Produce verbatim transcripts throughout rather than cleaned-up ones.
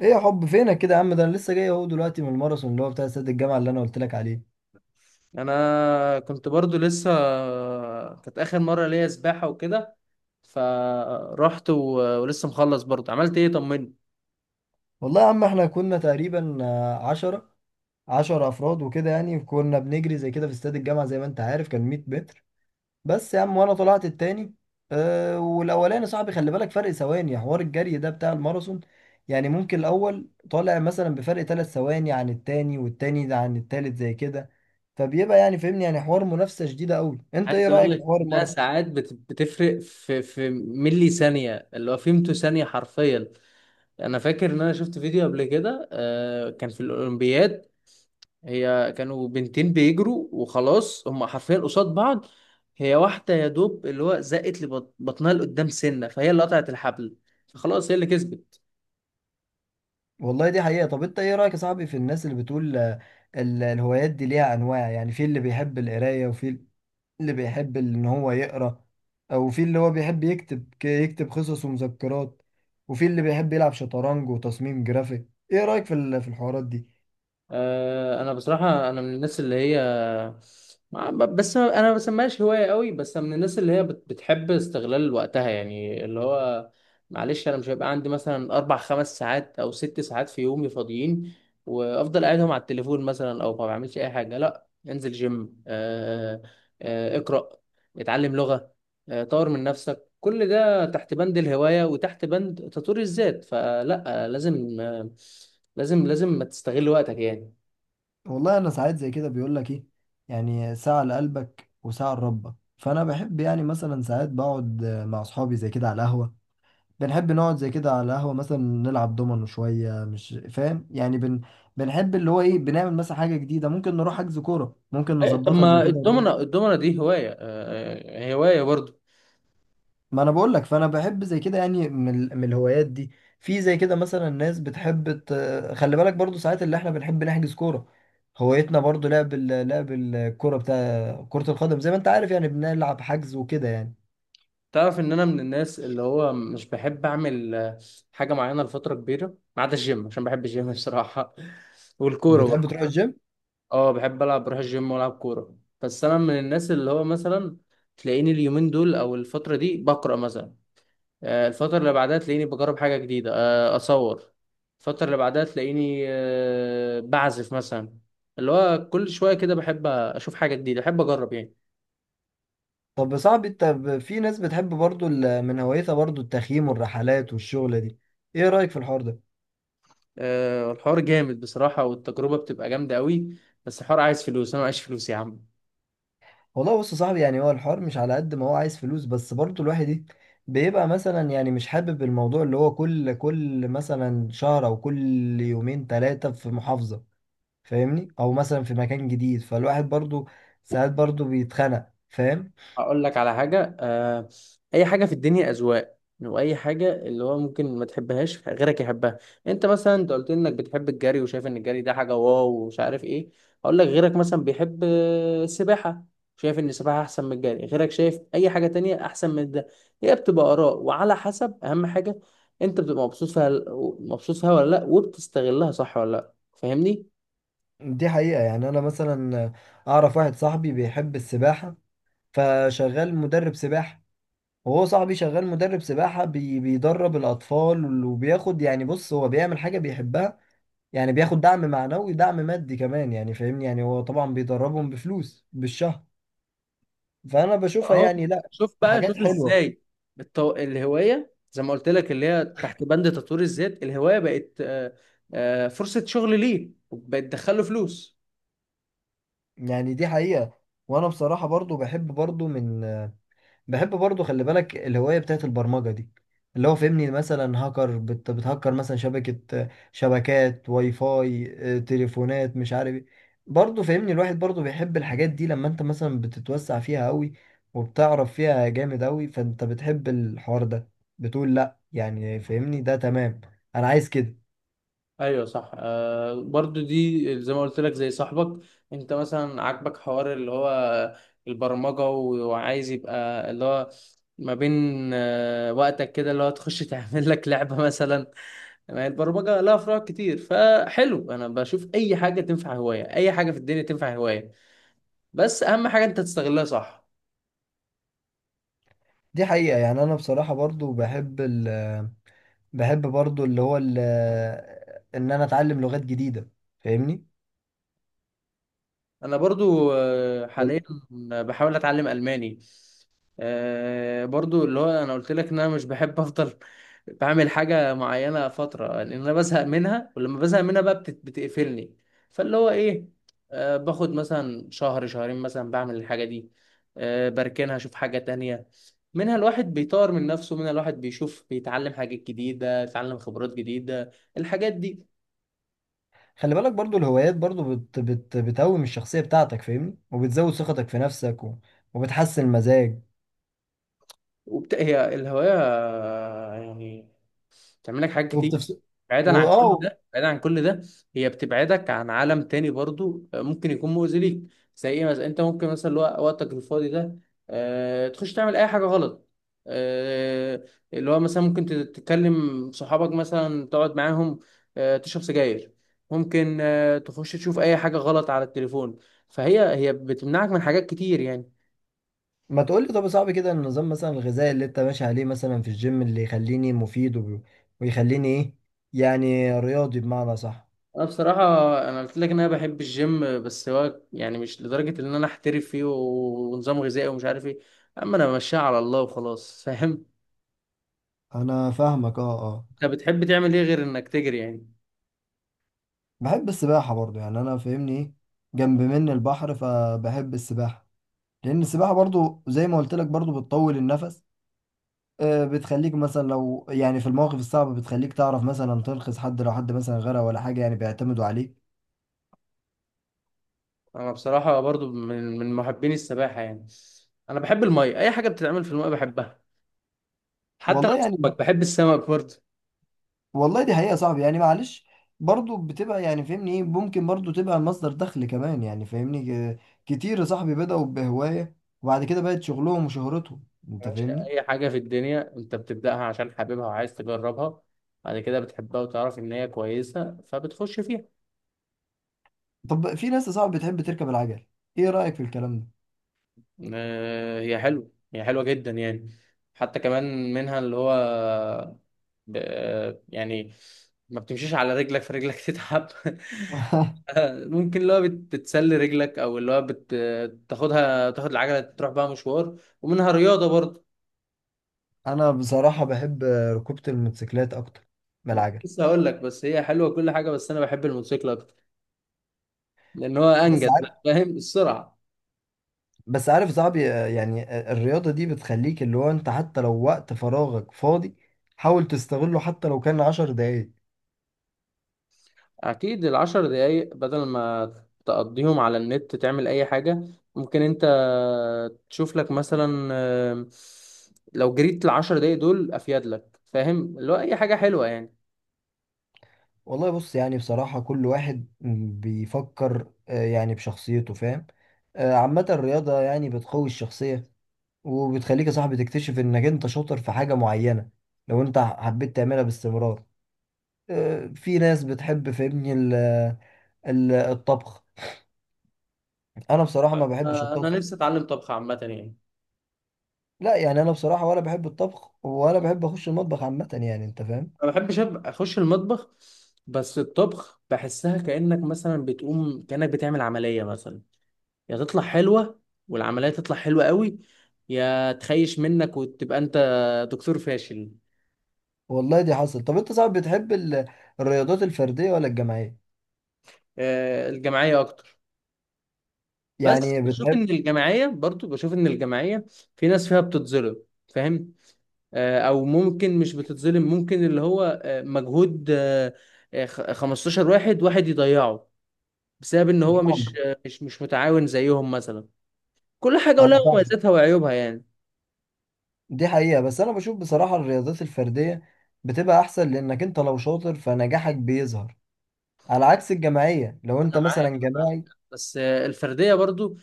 ايه يا حب فينك كده يا عم؟ ده انا لسه جاي اهو دلوقتي من الماراثون اللي هو بتاع استاد الجامعه اللي انا قلت لك عليه. انا كنت برضو لسه، كانت اخر مره ليا سباحه وكده. فرحت و... ولسه مخلص برضو، عملت ايه؟ طمني. والله يا عم احنا كنا تقريبا آه، عشرة، عشرة افراد وكده، يعني كنا بنجري زي كده في استاد الجامعه، زي ما انت عارف، كان مية متر بس يا عم. وانا طلعت التاني، أه، والاولاني صاحبي. خلي بالك فرق ثواني، حوار الجري ده بتاع الماراثون يعني ممكن الاول طالع مثلا بفرق ثلاث ثواني عن التاني، والتاني ده عن التالت زي كده. فبيبقى يعني فهمني، يعني حوار منافسه شديده قوي. انت ايه عايز اقول رايك في لك حوار؟ انها ساعات بت... بتفرق في في ملي ثانيه، اللي هو فيمتو ثانيه حرفيا. انا فاكر ان انا شفت فيديو قبل كده، آه، كان في الاولمبياد. هي كانوا بنتين بيجروا وخلاص، هم حرفيا قصاد بعض. هي واحده يا دوب اللي هو زقت لبطنها لقدام سنه، فهي اللي قطعت الحبل، فخلاص هي اللي كسبت. والله دي حقيقة. طب انت ايه رأيك يا صاحبي في الناس اللي بتقول آه، ال- الهوايات دي ليها انواع؟ يعني في اللي بيحب القراية، وفي اللي بيحب ان هو يقرأ، او في اللي هو بيحب يكتب ك- يكتب قصص ومذكرات، وفي اللي بيحب يلعب شطرنج وتصميم جرافيك. ايه رأيك في ال- في الحوارات دي؟ آه، انا بصراحه، انا من الناس اللي هي ما- ب- بس انا ما بسميهاش هوايه قوي، بس أنا من الناس اللي هي بت- بتحب استغلال وقتها. يعني اللي هو معلش، انا مش هيبقى عندي مثلا اربع خمس ساعات او ست ساعات في يومي فاضيين وافضل قاعدهم على التليفون مثلا، او ما بعملش اي حاجه. لا، انزل جيم، آه، آه، اقرا، اتعلم لغه، آه، طور من نفسك. كل ده تحت بند الهوايه وتحت بند تطوير الذات. فلا، آه، لازم، آه، لازم لازم تستغل وقتك يعني. والله انا ساعات زي كده بيقول لك ايه، يعني ساعة لقلبك وساعة لربك. فانا بحب يعني مثلا ساعات بقعد آه، مع اصحابي زي كده على القهوة. ده نحب نقعد زي كده على القهوة، مثلا نلعب دومينو شوية، مش فاهم يعني بن... بنحب اللي هو ايه، بنعمل مثلا حاجة جديدة، ممكن نروح حجز كورة، ممكن إيه، طب نظبطها زي ما كده ونروح- الدومنة الدومنة دي هواية، آه، آه، هواية برضو. ما انا بقول لك، فانا بحب زي كده، يعني من, ال- من الهوايات دي. في زي كده مثلا ناس بتحب ت... خلي بالك برضو ساعات اللي احنا بنحب نحجز كورة، هوايتنا برضو لعب ال... لعب الكورة، بتاع كرة القدم زي ما انت عارف، يعني بنلعب حجز وكده يعني. تعرف ان انا من الناس اللي هو مش بحب اعمل آه، حاجة معينة لفترة كبيرة، ما عدا الجيم عشان بحب الجيم الصراحة. والكورة بتحب برضو. تروح الجيم؟ اه، بحب العب، بروح الجيم والعب كورة. بس انا من الناس اللي هو مثلا تلاقيني اليومين دول او الفترة دي بقرأ مثلا، آه، الفترة اللي بعدها تلاقيني بجرب حاجة جديدة، آه، أصور. الفترة اللي بعدها تلاقيني آه، بعزف مثلا. اللي هو كل شوية كده بحب أشوف حاجة جديدة، بحب أجرب يعني. طب يا صاحبي انت ب- في ناس بتحب برضو ال- من هوايتها برضو التخييم والرحلات والشغلة دي، ايه رأيك في الحوار ده؟ آه، الحوار جامد بصراحة، والتجربة بتبقى جامدة قوي، بس الحوار عايز فلوس، أنا معيش فلوس يا عم. والله بص يا صاحبي، يعني هو الحوار مش على قد ما هو عايز فلوس، بس برضو الواحد ايه، بيبقى مثلا يعني مش حابب الموضوع اللي هو كل كل مثلا شهر، او كل يومين ثلاثة في محافظة، فاهمني، او مثلا في مكان جديد. فالواحد برضو ساعات برضو بيتخنق، فاهم؟ هقول لك على حاجة. آه، أي حاجة في الدنيا أذواق، وأي حاجة اللي هو ممكن ما تحبهاش غيرك يحبها. أنت مثلا أنت قلت لي إنك بتحب الجري، وشايف إن الجري ده حاجة واو ومش عارف إيه. هقول لك غيرك مثلا بيحب آه، السباحة، شايف إن السباحة أحسن من الجري، غيرك شايف أي حاجة تانية أحسن من ده. هي بتبقى آراء، وعلى حسب أهم حاجة أنت بتبقى مبسوط فيها، مبسوط فيها ولا لأ، وبتستغلها صح ولا لأ. فاهمني؟ دي حقيقة. يعني انا مثلا اعرف واحد صاحبي بيحب السباحة، فشغال مدرب سباحة. وهو صاحبي شغال مدرب سباحة، بي بيدرب الأطفال وبياخد، يعني بص هو بيعمل حاجة بيحبها، يعني بياخد دعم معنوي دعم مادي كمان، يعني فاهمني، يعني هو طبعا بيدربهم بفلوس بالشهر. فأنا بشوفها اهو، يعني لا، شوف بقى حاجات شوف حلوة ازاي. التو... الهوايه زي ما قلت لك، اللي هي تحت بند تطوير الذات، الهوايه بقت آه، آه، فرصه شغل، ليه بقت تدخله فلوس. يعني. دي حقيقة. وأنا بصراحة برضو بحب برضو من، بحب برضو خلي بالك الهواية بتاعت البرمجة دي، اللي هو فهمني مثلا هاكر بت- بتهكر مثلا شبكة، شبكات واي فاي، آه، تليفونات، مش عارف ايه. برضو فهمني الواحد برضو بيحب الحاجات دي لما انت مثلا بتتوسع فيها قوي وبتعرف فيها جامد قوي، فانت بتحب الحوار ده، بتقول لا يعني فهمني ده تمام، انا عايز كده. ايوه صح، آه برضو دي زي ما قلت لك زي صاحبك. انت مثلا عاجبك حوار اللي هو البرمجة، و- وعايز يبقى اللي هو ما بين آه وقتك كده اللي هو تخش تعمل لك لعبة مثلا. ما هي البرمجة لها فروع كتير، فحلو. انا بشوف اي حاجة تنفع هواية، اي حاجة في الدنيا تنفع هواية، بس اهم حاجه انت تستغلها صح. دي حقيقة. يعني انا بصراحة برضو بحب ال، بحب برضو اللي هو ال، ان انا اتعلم لغات جديدة، فاهمني. انا برضو آه، حاليا بحاول اتعلم الماني. آه، برضو اللي هو انا قلت لك ان انا مش بحب افضل بعمل حاجه معينه فتره، لان انا بزهق منها، ولما بزهق منها بقى بتت- بتقفلني. فاللي هو ايه، آه، باخد مثلا شهر شهرين مثلا بعمل الحاجه دي، آه، بركنها اشوف حاجه تانية. منها الواحد بيطور من نفسه، منها الواحد بيشوف بيتعلم حاجات جديده، يتعلم خبرات جديده الحاجات دي. خلي بالك برضو الهوايات برضو بت بت بتقوم الشخصية بتاعتك، فاهمني، وبتزود ثقتك في نفسك و... وبتحسن المزاج وبت... هي الهواية يعني بتعمل لك حاجات كتير. وبتفس بعيدا عن كل واه. ده، بعيدا عن كل ده، هي بتبعدك عن عالم تاني برضو آه، ممكن يكون مؤذي ليك. زي ايه مثلا، انت ممكن مثلا الوق- وقتك الفاضي ده آه... تخش تعمل اي حاجة غلط. آه... اللي هو مثلا ممكن تت- تتكلم صحابك مثلا تقعد معاهم، آه... تشرب سجاير، ممكن آه... تخش تشوف اي حاجة غلط على التليفون. فهي، هي بتمنعك من حاجات كتير يعني. ما تقول لي طب يا صاحبي كده النظام مثلا الغذائي اللي انت ماشي عليه مثلا في الجيم، اللي يخليني مفيد وب... ويخليني ايه، يعني رياضي بمعنى صح. انا بصراحه انا قلت لك ان انا بحب الجيم، بس هو يعني مش لدرجه ان انا احترف فيه و- ونظام غذائي ومش عارف ايه. اما انا ماشيها على الله وخلاص، فاهم. انا فاهمك، اه اه. انت بتحب تعمل ايه غير انك تجري يعني؟ بحب السباحة برضو، يعني انا فاهمني ايه، جنب مني البحر فبحب السباحة، لان السباحة برضو زي ما قلت لك برضو بتطول النفس. آه، بتخليك مثلا لو يعني في المواقف الصعبة بتخليك تعرف مثلا تنقذ حد، لو حد مثلا غرق ولا حاجة يعني بيعتمدوا عليك. انا بصراحه برضو من من محبين السباحه يعني. انا بحب الميه، اي حاجه بتتعمل في الميه بحبها، حتى والله لو يعني، سمك، بحب السمك برضو. والله دي حقيقة يا صاحبي، يعني معلش برضو بتبقى يعني فاهمني ايه، ممكن برضو تبقى مصدر دخل كمان يعني فاهمني. آه، كتير يا صاحبي بدأوا بهواية وبعد كده بقت شغلهم وشهرتهم، يا انت باشا، فاهمني. اي حاجه في الدنيا انت بتبداها عشان حاببها وعايز تجربها، بعد كده بتحبها وتعرف ان هي كويسه فبتخش فيها. طب في ناس يا صاحبي بتحب تركب العجل، ايه رأيك في الكلام ده؟ آه، هي حلوة، هي حلوة جدا يعني. حتى كمان منها اللي هو ب... آه، يعني ما بتمشيش على رجلك فرجلك تتعب، آه، ممكن اللي هو بت- بتسلي رجلك، او اللي هو بت... تاخدها، تاخد العجلة تروح بقى مشوار، ومنها رياضة برضه. انا بصراحة بحب ركوبة الموتوسيكلات اكتر من انا كنت العجل. لسه هقول لك، بس هي حلوة كل حاجة، بس انا بحب الموتوسيكل اكتر، لان هو بس انجز بقى، فاهم، السرعة. بس عارف صعب، آه، يعني آه، الرياضة دي بتخليك اللي هو انت حتى لو وقت فراغك فاضي حاول تستغله، حتى لو كان عشر دقايق. اكيد العشر دقايق بدل ما تقضيهم على النت تعمل اي حاجة، ممكن انت تشوف لك مثلا، آه، لو جريت العشر دقايق دول افيد لك، فاهم، اللي هو اي حاجة حلوة يعني. والله بص، يعني بصراحة كل واحد بيفكر آه، يعني بشخصيته، فاهم. آه، عامة الرياضة يعني بتقوي الشخصية وبتخليك يا صاحبي تكتشف انك انت شاطر في حاجة معينة لو انت حبيت تعملها باستمرار. آه، في ناس بتحب فاهمني ال- ال- الطبخ. انا بصراحة ما بحبش آه، انا الطبخ. نفسي اتعلم طبخ عامة يعني. لا، يعني انا بصراحه ولا بحب الطبخ ولا بحب اخش المطبخ عامه، يعني انت فاهم. ما بحبش أبقى اخش المطبخ، بس الطبخ بحسها كأنك مثلا بتقوم كأنك بتعمل عملية مثلا. يا تطلع حلوة والعملية تطلع حلوة قوي، يا تخيش منك وتبقى انت دكتور فاشل. والله دي حصل. طب انت صعب بتحب ال- الرياضات الفرديه ولا الجماعيه؟ آه، الجماعية اكتر. بس يعني بشوف ان بتحب، الجماعيه برضو، بشوف ان الجماعيه في ناس فيها بتتظلم، فاهم، آه، او ممكن مش بتتظلم، ممكن اللي هو آه، مجهود آه، آه، خ- خمسة عشر واحد واحد يضيعه بسبب ان هو مش فاهم؟ آه، مش مش متعاون زيهم مثلا. كل حاجه انا ولها فاهم. مميزاتها وعيوبها يعني. دي حقيقه. بس انا بشوف بصراحه الرياضات الفرديه بتبقى احسن، لانك انت لو شاطر فنجاحك بيظهر، على عكس الجماعيه لو انت انا معاك، مثلا أنا معاك. جماعي. بس آه، الفرديه برضو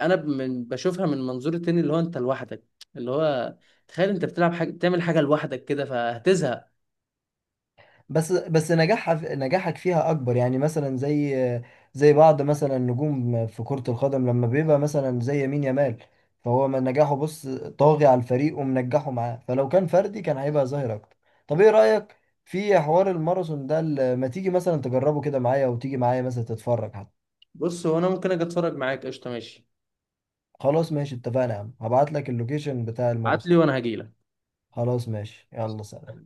انا ب- من بشوفها من منظور تاني، اللي هو انت لوحدك، اللي هو تخيل انت بتلعب حاجه، بتعمل حاجه لوحدك كده فهتزهق. بس بس نجاحها نجاحك فيها اكبر، يعني مثلا زي زي بعض مثلا نجوم في كرة القدم لما بيبقى مثلا زي يمين يامال، فهو من نجاحه بص طاغي على الفريق ومنجحه معاه، فلو كان فردي كان هيبقى ظاهر اكتر. طب ايه رأيك في حوار الماراثون ده؟ ال- ما تيجي مثلا تجربه كده معايا، وتيجي معايا مثلا تتفرج حتى. بص هو انا ممكن اجي اتفرج معاك، قشطه ماشي. خلاص ماشي، اتفقنا يا عم، هبعت لك اللوكيشن بتاع ابعت الماراثون. لي وانا هجيلك. خلاص ماشي يلا سلام.